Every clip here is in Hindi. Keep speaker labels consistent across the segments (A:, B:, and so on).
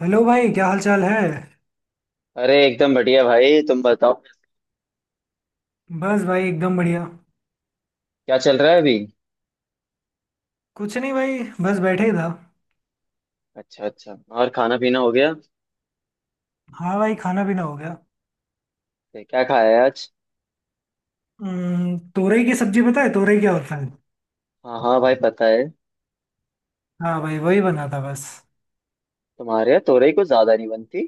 A: हेलो भाई क्या हाल चाल है।
B: अरे एकदम बढ़िया भाई तुम बताओ।
A: बस भाई एकदम बढ़िया।
B: क्या चल रहा है अभी।
A: कुछ नहीं भाई। बस बैठे ही था।
B: अच्छा अच्छा और खाना पीना हो गया।
A: हाँ भाई खाना पीना हो गया।
B: क्या खाया है आज।
A: तोरई की सब्जी। पता है तोरई क्या होता है?
B: हाँ हाँ भाई पता है।
A: हाँ भाई वही बना था बस।
B: तुम्हारे यहाँ तोरई कुछ ज्यादा नहीं बनती।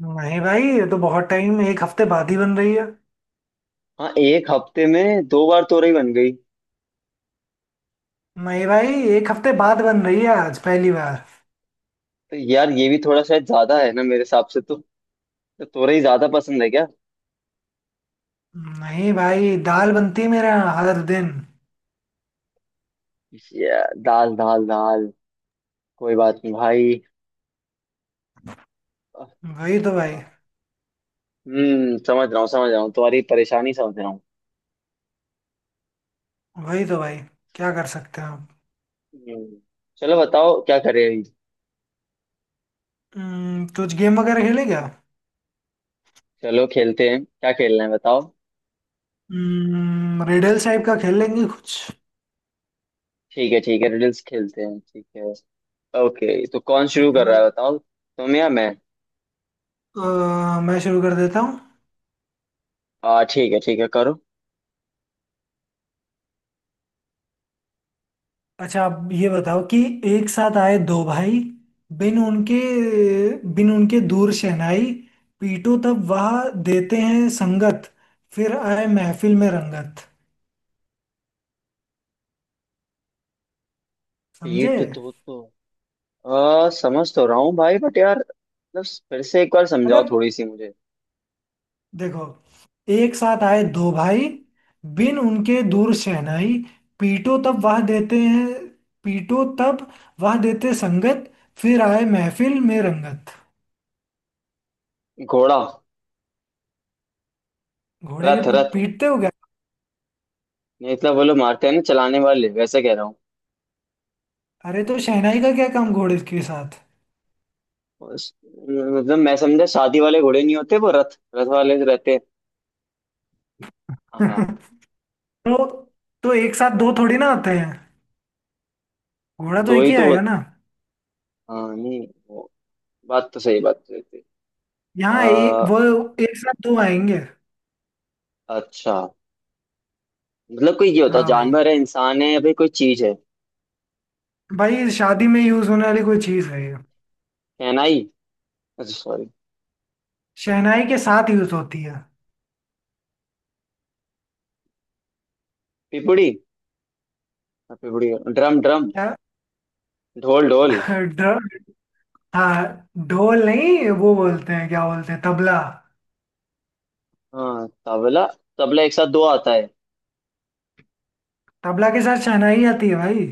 A: नहीं भाई ये तो बहुत टाइम, एक हफ्ते बाद ही बन रही है।
B: हाँ एक हफ्ते में दो बार तोरई बन गई।
A: नहीं भाई एक हफ्ते बाद बन रही है, आज पहली बार।
B: तो यार ये भी थोड़ा शायद ज्यादा है ना मेरे हिसाब से तो। तो तोरई ज्यादा पसंद है क्या।
A: नहीं भाई दाल बनती है मेरे यहाँ हर दिन।
B: दाल दाल दाल कोई बात नहीं भाई।
A: वही तो भाई।
B: हाँ। समझ रहा हूँ तुम्हारी परेशानी समझ रहा हूँ।
A: वही तो भाई। क्या कर सकते हैं आप।
B: हम्म, चलो बताओ क्या करें अभी।
A: कुछ गेम वगैरह खेलें क्या?
B: चलो खेलते हैं क्या खेलना है बताओ।
A: रिडल्स टाइप का खेल लेंगे कुछ।
B: ठीक है रिडल्स खेलते हैं ठीक है। ओके तो कौन शुरू
A: ठीक है
B: कर रहा है
A: भाई।
B: बताओ तुम या मैं।
A: मैं शुरू कर देता हूँ।
B: आ ठीक है करो।
A: अच्छा आप ये बताओ कि एक साथ आए दो भाई, बिन उनके बिन उनके दूर शहनाई, पीटो तब वह देते हैं संगत, फिर आए महफिल में रंगत। समझे?
B: पीठ दो तो। समझ तो रहा हूँ भाई बट यार मतलब फिर से एक बार समझाओ
A: मतलब
B: थोड़ी सी मुझे।
A: देखो, एक साथ आए दो भाई, बिन उनके दूर शहनाई, पीटो तब वह देते हैं पीटो तब वह देते संगत, फिर आए महफिल में रंगत।
B: घोड़ा।
A: घोड़े के
B: रथ रथ।
A: पीटते हो?
B: नहीं मतलब वो लोग मारते हैं ना चलाने वाले वैसे कह रहा हूँ।
A: अरे तो शहनाई का क्या काम घोड़े के साथ?
B: मतलब मैं समझा शादी वाले घोड़े नहीं होते वो रथ रथ वाले जो रहते हैं। हाँ
A: तो तो एक साथ दो थोड़ी ना आते हैं। घोड़ा तो
B: दो
A: एक
B: ही
A: ही
B: तो
A: आएगा
B: होते।
A: ना।
B: हाँ नहीं वो बात तो सही थी। आ,
A: यहाँ वो एक साथ दो आएंगे।
B: अच्छा। मतलब कोई ये होता
A: हाँ भाई।
B: जानवर है इंसान है या फिर कोई चीज है।
A: भाई शादी में यूज होने वाली कोई चीज है ये।
B: शहनाई। अच्छा सॉरी।
A: शहनाई के साथ यूज होती है।
B: पिपुड़ी। हाँ, पिपुड़ी ड्रम ड्रम।
A: क्या?
B: ढोल ढोल।
A: ढ- हाँ ढोल नहीं, वो बोलते हैं क्या बोलते हैं तबला।
B: हाँ तबला। तबला एक साथ दो आता है।
A: तबला के साथ शहनाई आती है भाई।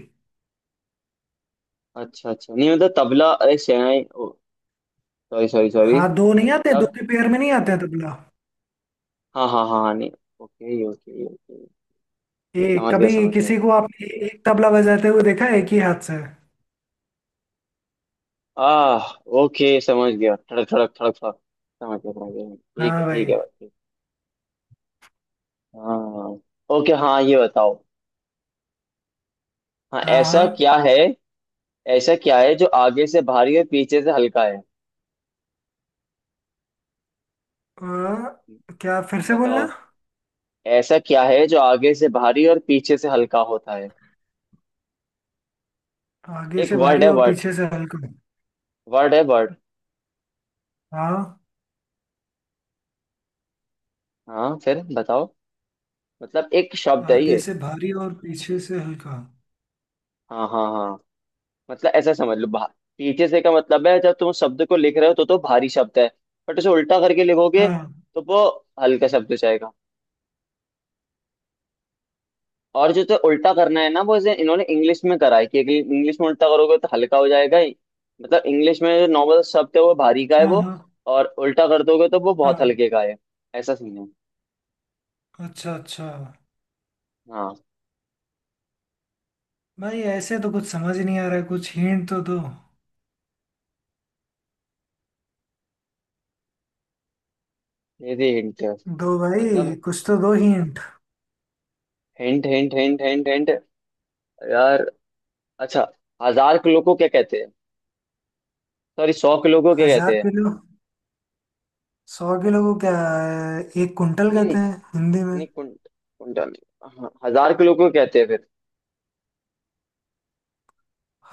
B: अच्छा अच्छा नहीं मतलब तबला अरे शहनाई ओ। Sorry sorry sorry.
A: हाँ दो नहीं आते, दो
B: मतलब
A: के पेयर में नहीं आते हैं तबला।
B: हाँ हाँ हाँ हाँ, नहीं। Okay okay okay.
A: एक
B: समझ गया
A: कभी
B: समझ गया।
A: किसी को आपने एक तबला बजाते हुए देखा है एक ही हाथ से?
B: आह। ओके समझ गया ठड़क ठड़क ठड़क ठड़क। समझ गया
A: हाँ
B: ठीक
A: भाई।
B: है भाई ठीक। हाँ। ओके हाँ ये बताओ। हाँ ऐसा
A: हाँ।
B: क्या है। ऐसा क्या है जो आगे से भारी और पीछे से हल्का है।
A: हाँ। क्या फिर से बोलना।
B: बताओ। ऐसा क्या है जो आगे से भारी और पीछे से हल्का होता है।
A: आगे
B: एक
A: से
B: वर्ड
A: भारी
B: है
A: और
B: वर्ड।
A: पीछे से हल्का।
B: वर्ड है वर्ड।
A: हाँ।
B: हाँ फिर बताओ। मतलब एक शब्द है
A: आगे
B: ये।
A: से भारी और पीछे से हल्का।
B: हाँ हाँ हाँ। मतलब ऐसा समझ लो। पीछे से का मतलब है जब तुम शब्द को लिख रहे हो तो भारी शब्द है। बट उसे उल्टा करके लिखोगे
A: हाँ,
B: तो वो हल्का शब्द हो जाएगा। और जो तो उल्टा करना है ना वो इसे इन्होंने इंग्लिश में करा है कि इंग्लिश में उल्टा करोगे तो हल्का हो जाएगा ही। मतलब इंग्लिश में जो नॉर्मल शब्द है वो भारी का है
A: हाँ,
B: वो।
A: हाँ,
B: और उल्टा कर दोगे तो वो बहुत
A: हाँ।
B: हल्के का है। ऐसा सीन है।
A: अच्छा अच्छा।
B: हाँ
A: भाई ऐसे तो कुछ समझ नहीं आ रहा है, कुछ हिंट तो दो।
B: ये भी हिंट है।
A: दो
B: मतलब
A: भाई, कुछ तो दो hint.
B: Hint hint hint hint hint यार अच्छा। 1,000 किलो को क्या कहते हैं। सॉरी 100 किलो को क्या
A: हजार
B: कहते हैं।
A: किलो 100 किलो को क्या एक कुंटल
B: नहीं नहीं
A: कहते हैं हिंदी में।
B: नहीं कुंट कुंटल नहीं। हाँ, 1,000 किलो को कहते हैं फिर।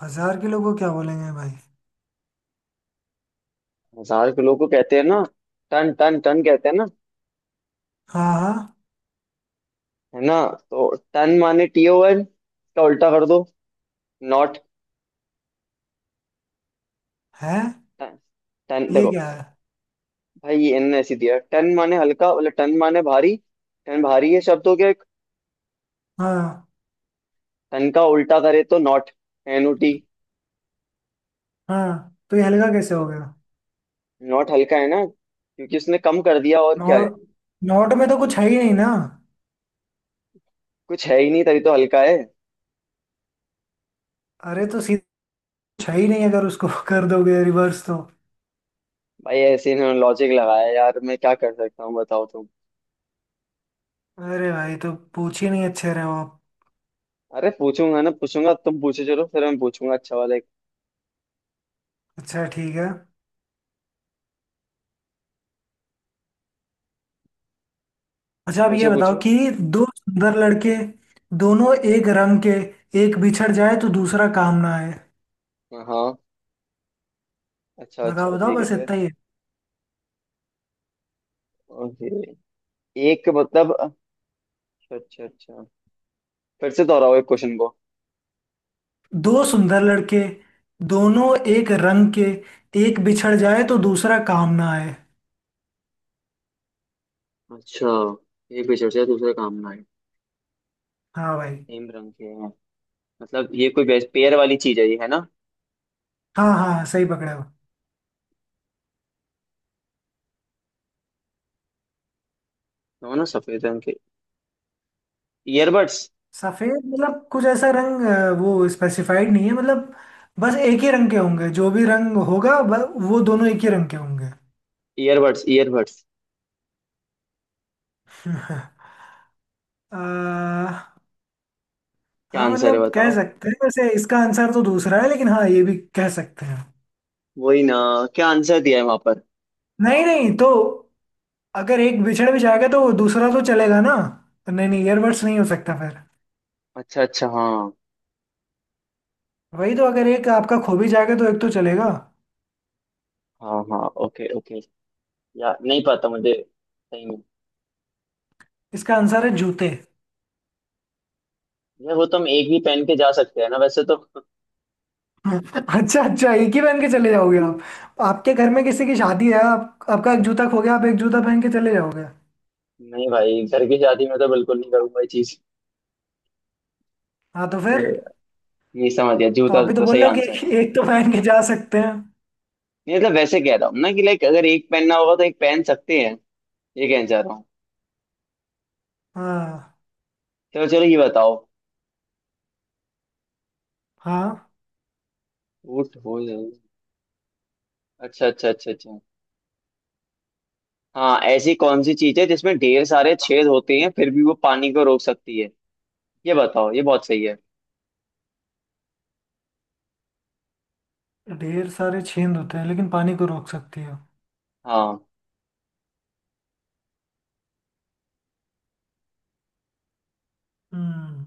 A: 1,000 किलो को क्या बोलेंगे भाई?
B: 1,000 किलो को कहते हैं ना। टन टन टन कहते हैं ना।
A: हाँ हाँ।
B: है ना। तो टन माने टी ओवर इसका उल्टा कर दो। नॉट।
A: है,
B: टन टन
A: ये
B: देखो।
A: क्या है?
B: भाई ये इनने ऐसी दिया टन माने हल्का मतलब टन माने भारी। टन भारी है शब्द हो गया एक।
A: हाँ
B: टन का उल्टा करे तो नॉट NOT।
A: हाँ तो ये हल्का कैसे हो गया?
B: नॉट हल्का है ना क्योंकि उसने कम कर दिया और क्या है।
A: नॉर्थ। नॉर्थ में तो कुछ है ही नहीं ना।
B: कुछ है ही नहीं तभी तो हल्का है।
A: अरे तो सीधा कुछ है ही नहीं, अगर उसको कर दोगे रिवर्स तो।
B: भाई ऐसे इन्होंने लॉजिक लगाया यार मैं क्या कर सकता हूँ बताओ तुम।
A: अरे भाई तो पूछ ही नहीं अच्छे रहे हो आप।
B: अरे पूछूंगा ना पूछूंगा तुम पूछो चलो फिर मैं पूछूंगा अच्छा वाला एक।
A: अच्छा ठीक है। अच्छा अब ये
B: पूछो
A: बताओ
B: पूछो।
A: कि दो सुंदर लड़के, दोनों एक रंग के, एक बिछड़ जाए तो दूसरा काम ना आए।
B: हाँ हाँ, अच्छा
A: बताओ
B: अच्छा
A: बताओ,
B: ठीक है
A: बस
B: फिर।
A: इतना ही है।
B: ओके एक मतलब अच्छा अच्छा फिर से दोहराओ एक क्वेश्चन को।
A: दो सुंदर लड़के, दोनों एक रंग के, एक बिछड़ जाए तो दूसरा काम ना आए।
B: अच्छा। एक विषय से दूसरे काम में आए।
A: हाँ भाई।
B: सेम रंग के हैं। मतलब ये कोई बेस पेयर वाली चीज है ये है ना।
A: हाँ, हाँ, हाँ, सही पकड़े हो।
B: दोनों सफेद रंग के। ईयरबड्स
A: सफेद मतलब कुछ ऐसा रंग वो स्पेसिफाइड नहीं है मतलब। बस एक ही रंग के होंगे, जो भी रंग होगा वो दोनों एक ही रंग के होंगे।
B: Earbuds earbuds.
A: अ,
B: क्या
A: हाँ
B: आंसर है
A: मतलब कह
B: बताओ।
A: सकते हैं, वैसे इसका आंसर तो दूसरा है, लेकिन हाँ ये भी कह सकते हैं।
B: वही ना। क्या आंसर दिया है वहां पर।
A: नहीं नहीं तो, अगर एक बिछड़ भी जाएगा तो वो दूसरा तो चलेगा ना। नहीं नहीं ईयरबड्स नहीं हो सकता फिर।
B: अच्छा अच्छा हाँ
A: वही तो, अगर एक आपका खो भी जाएगा तो एक तो चलेगा।
B: हाँ हाँ ओके ओके। यार नहीं पता मुझे सही में।
A: इसका आंसर है जूते।
B: यार वो तो हम एक ही पहन के जा सकते हैं ना वैसे तो।
A: अच्छा अच्छा, एक ही पहन के चले जाओगे आप? आपके घर में किसी की शादी है, आप, आपका एक जूता खो गया, आप एक जूता पहन के चले जाओगे?
B: नहीं भाई घर की शादी में तो बिल्कुल नहीं करूंगा ये चीज।
A: हाँ तो फिर।
B: अरे यार, ये समझ गया
A: तो
B: जूता
A: आप भी तो
B: तो
A: बोल
B: सही
A: रहे हो कि
B: आंसर
A: एक,
B: है।
A: एक तो पहन के जा सकते हैं।
B: नहीं मतलब वैसे कह रहा हूँ ना कि लाइक अगर एक पहनना होगा तो एक पहन सकते हैं। ये कहना चाह रहा हूँ।
A: हाँ
B: चलो चलो ये बताओ।
A: हाँ।
B: ऊँट हो जाए। अच्छा अच्छा अच्छा अच्छा। हाँ ऐसी कौन सी चीज है जिसमें ढेर सारे छेद होते हैं फिर भी वो पानी को रोक सकती है। ये बताओ ये बहुत सही है।
A: ढेर सारे छेद होते हैं लेकिन पानी को रोक सकती है।
B: हाँ
A: हम्म।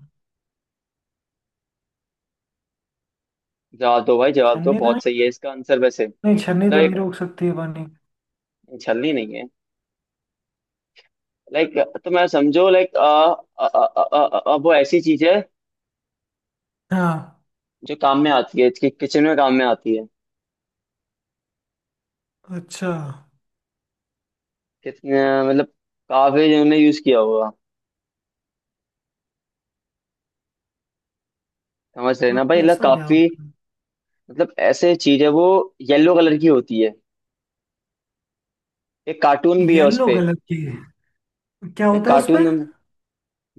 B: जवाब दो भाई जवाब दो
A: छन्नी तो
B: बहुत
A: नहीं।
B: सही है इसका आंसर वैसे
A: नहीं, छन्नी
B: मतलब
A: तो नहीं
B: एक।
A: रोक सकती है पानी।
B: छलनी नहीं है। लाइक तो मैं समझो लाइक आ, आ, आ, आ, आ, आ, वो ऐसी चीज है।
A: हाँ।
B: जो काम में आती है कि किचन में काम में आती है।
A: अच्छा।
B: कितने मतलब काफी जिन्होंने यूज किया होगा। समझ रहे ना
A: तो
B: भाई मतलब
A: ऐसा क्या
B: काफी।
A: होता है?
B: मतलब ऐसे चीज है वो। येलो कलर की होती है। एक कार्टून भी है
A: येलो
B: उसपे।
A: कलर की क्या
B: एक
A: होता है उसपे?
B: कार्टून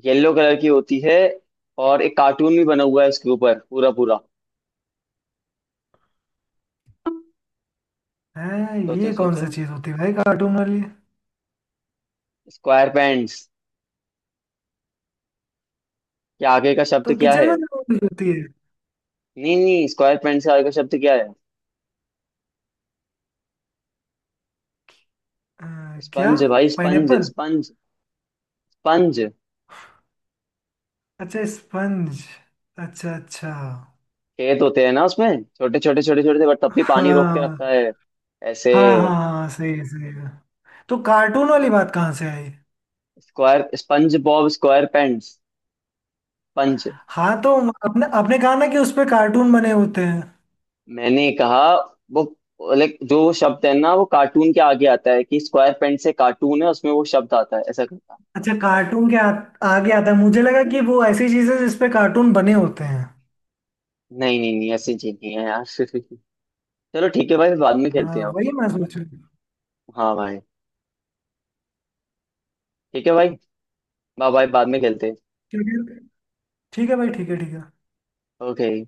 B: येलो कलर की होती है और एक कार्टून भी बना हुआ है उसके ऊपर पूरा पूरा।
A: है
B: सोचो
A: ये कौन
B: सोचो।
A: सा चीज होती है भाई कार्टून वाली?
B: स्क्वायर पैंट्स के आगे का शब्द
A: तो
B: क्या
A: किचन
B: है।
A: में जरूर होती है।
B: नहीं नहीं स्क्वायर पैंट्स के आगे का शब्द क्या है।
A: अ, क्या?
B: स्पंज भाई स्पंज
A: पाइनएप्पल?
B: Sponge sponge.
A: अच्छा स्पंज। अच्छा अच्छा।
B: खेत होते हैं ना उसमें छोटे छोटे छोटे छोटे से बट तब भी पानी रोक के
A: हाँ,
B: रखता है। ऐसे।
A: हाँ, हाँ, हाँ, सही है सही है। तो कार्टून वाली
B: हाँ
A: बात कहाँ से आई?
B: Square SpongeBob SquarePants sponge.
A: हाँ तो अपने अपने कहा ना कि उस पे कार्टून बने होते हैं।
B: मैंने कहा वो लाइक जो शब्द है ना वो कार्टून के आगे आता है कि स्क्वायर पेन से कार्टून है उसमें वो शब्द आता है ऐसा करता।
A: अच्छा कार्टून के आगे आता है, मुझे लगा कि वो ऐसी चीजें जिस पे कार्टून बने होते हैं।
B: नहीं नहीं नहीं ऐसी चीज नहीं है यार। चलो ठीक है भाई बाद में खेलते
A: हाँ
B: हैं अब।
A: वही मैं सोच रहा हूँ।
B: हाँ भाई ठीक है भाई बाय बाय बाद में खेलते हैं।
A: ठीक है ठीक है भाई, ठीक है ठीक है।
B: ओके।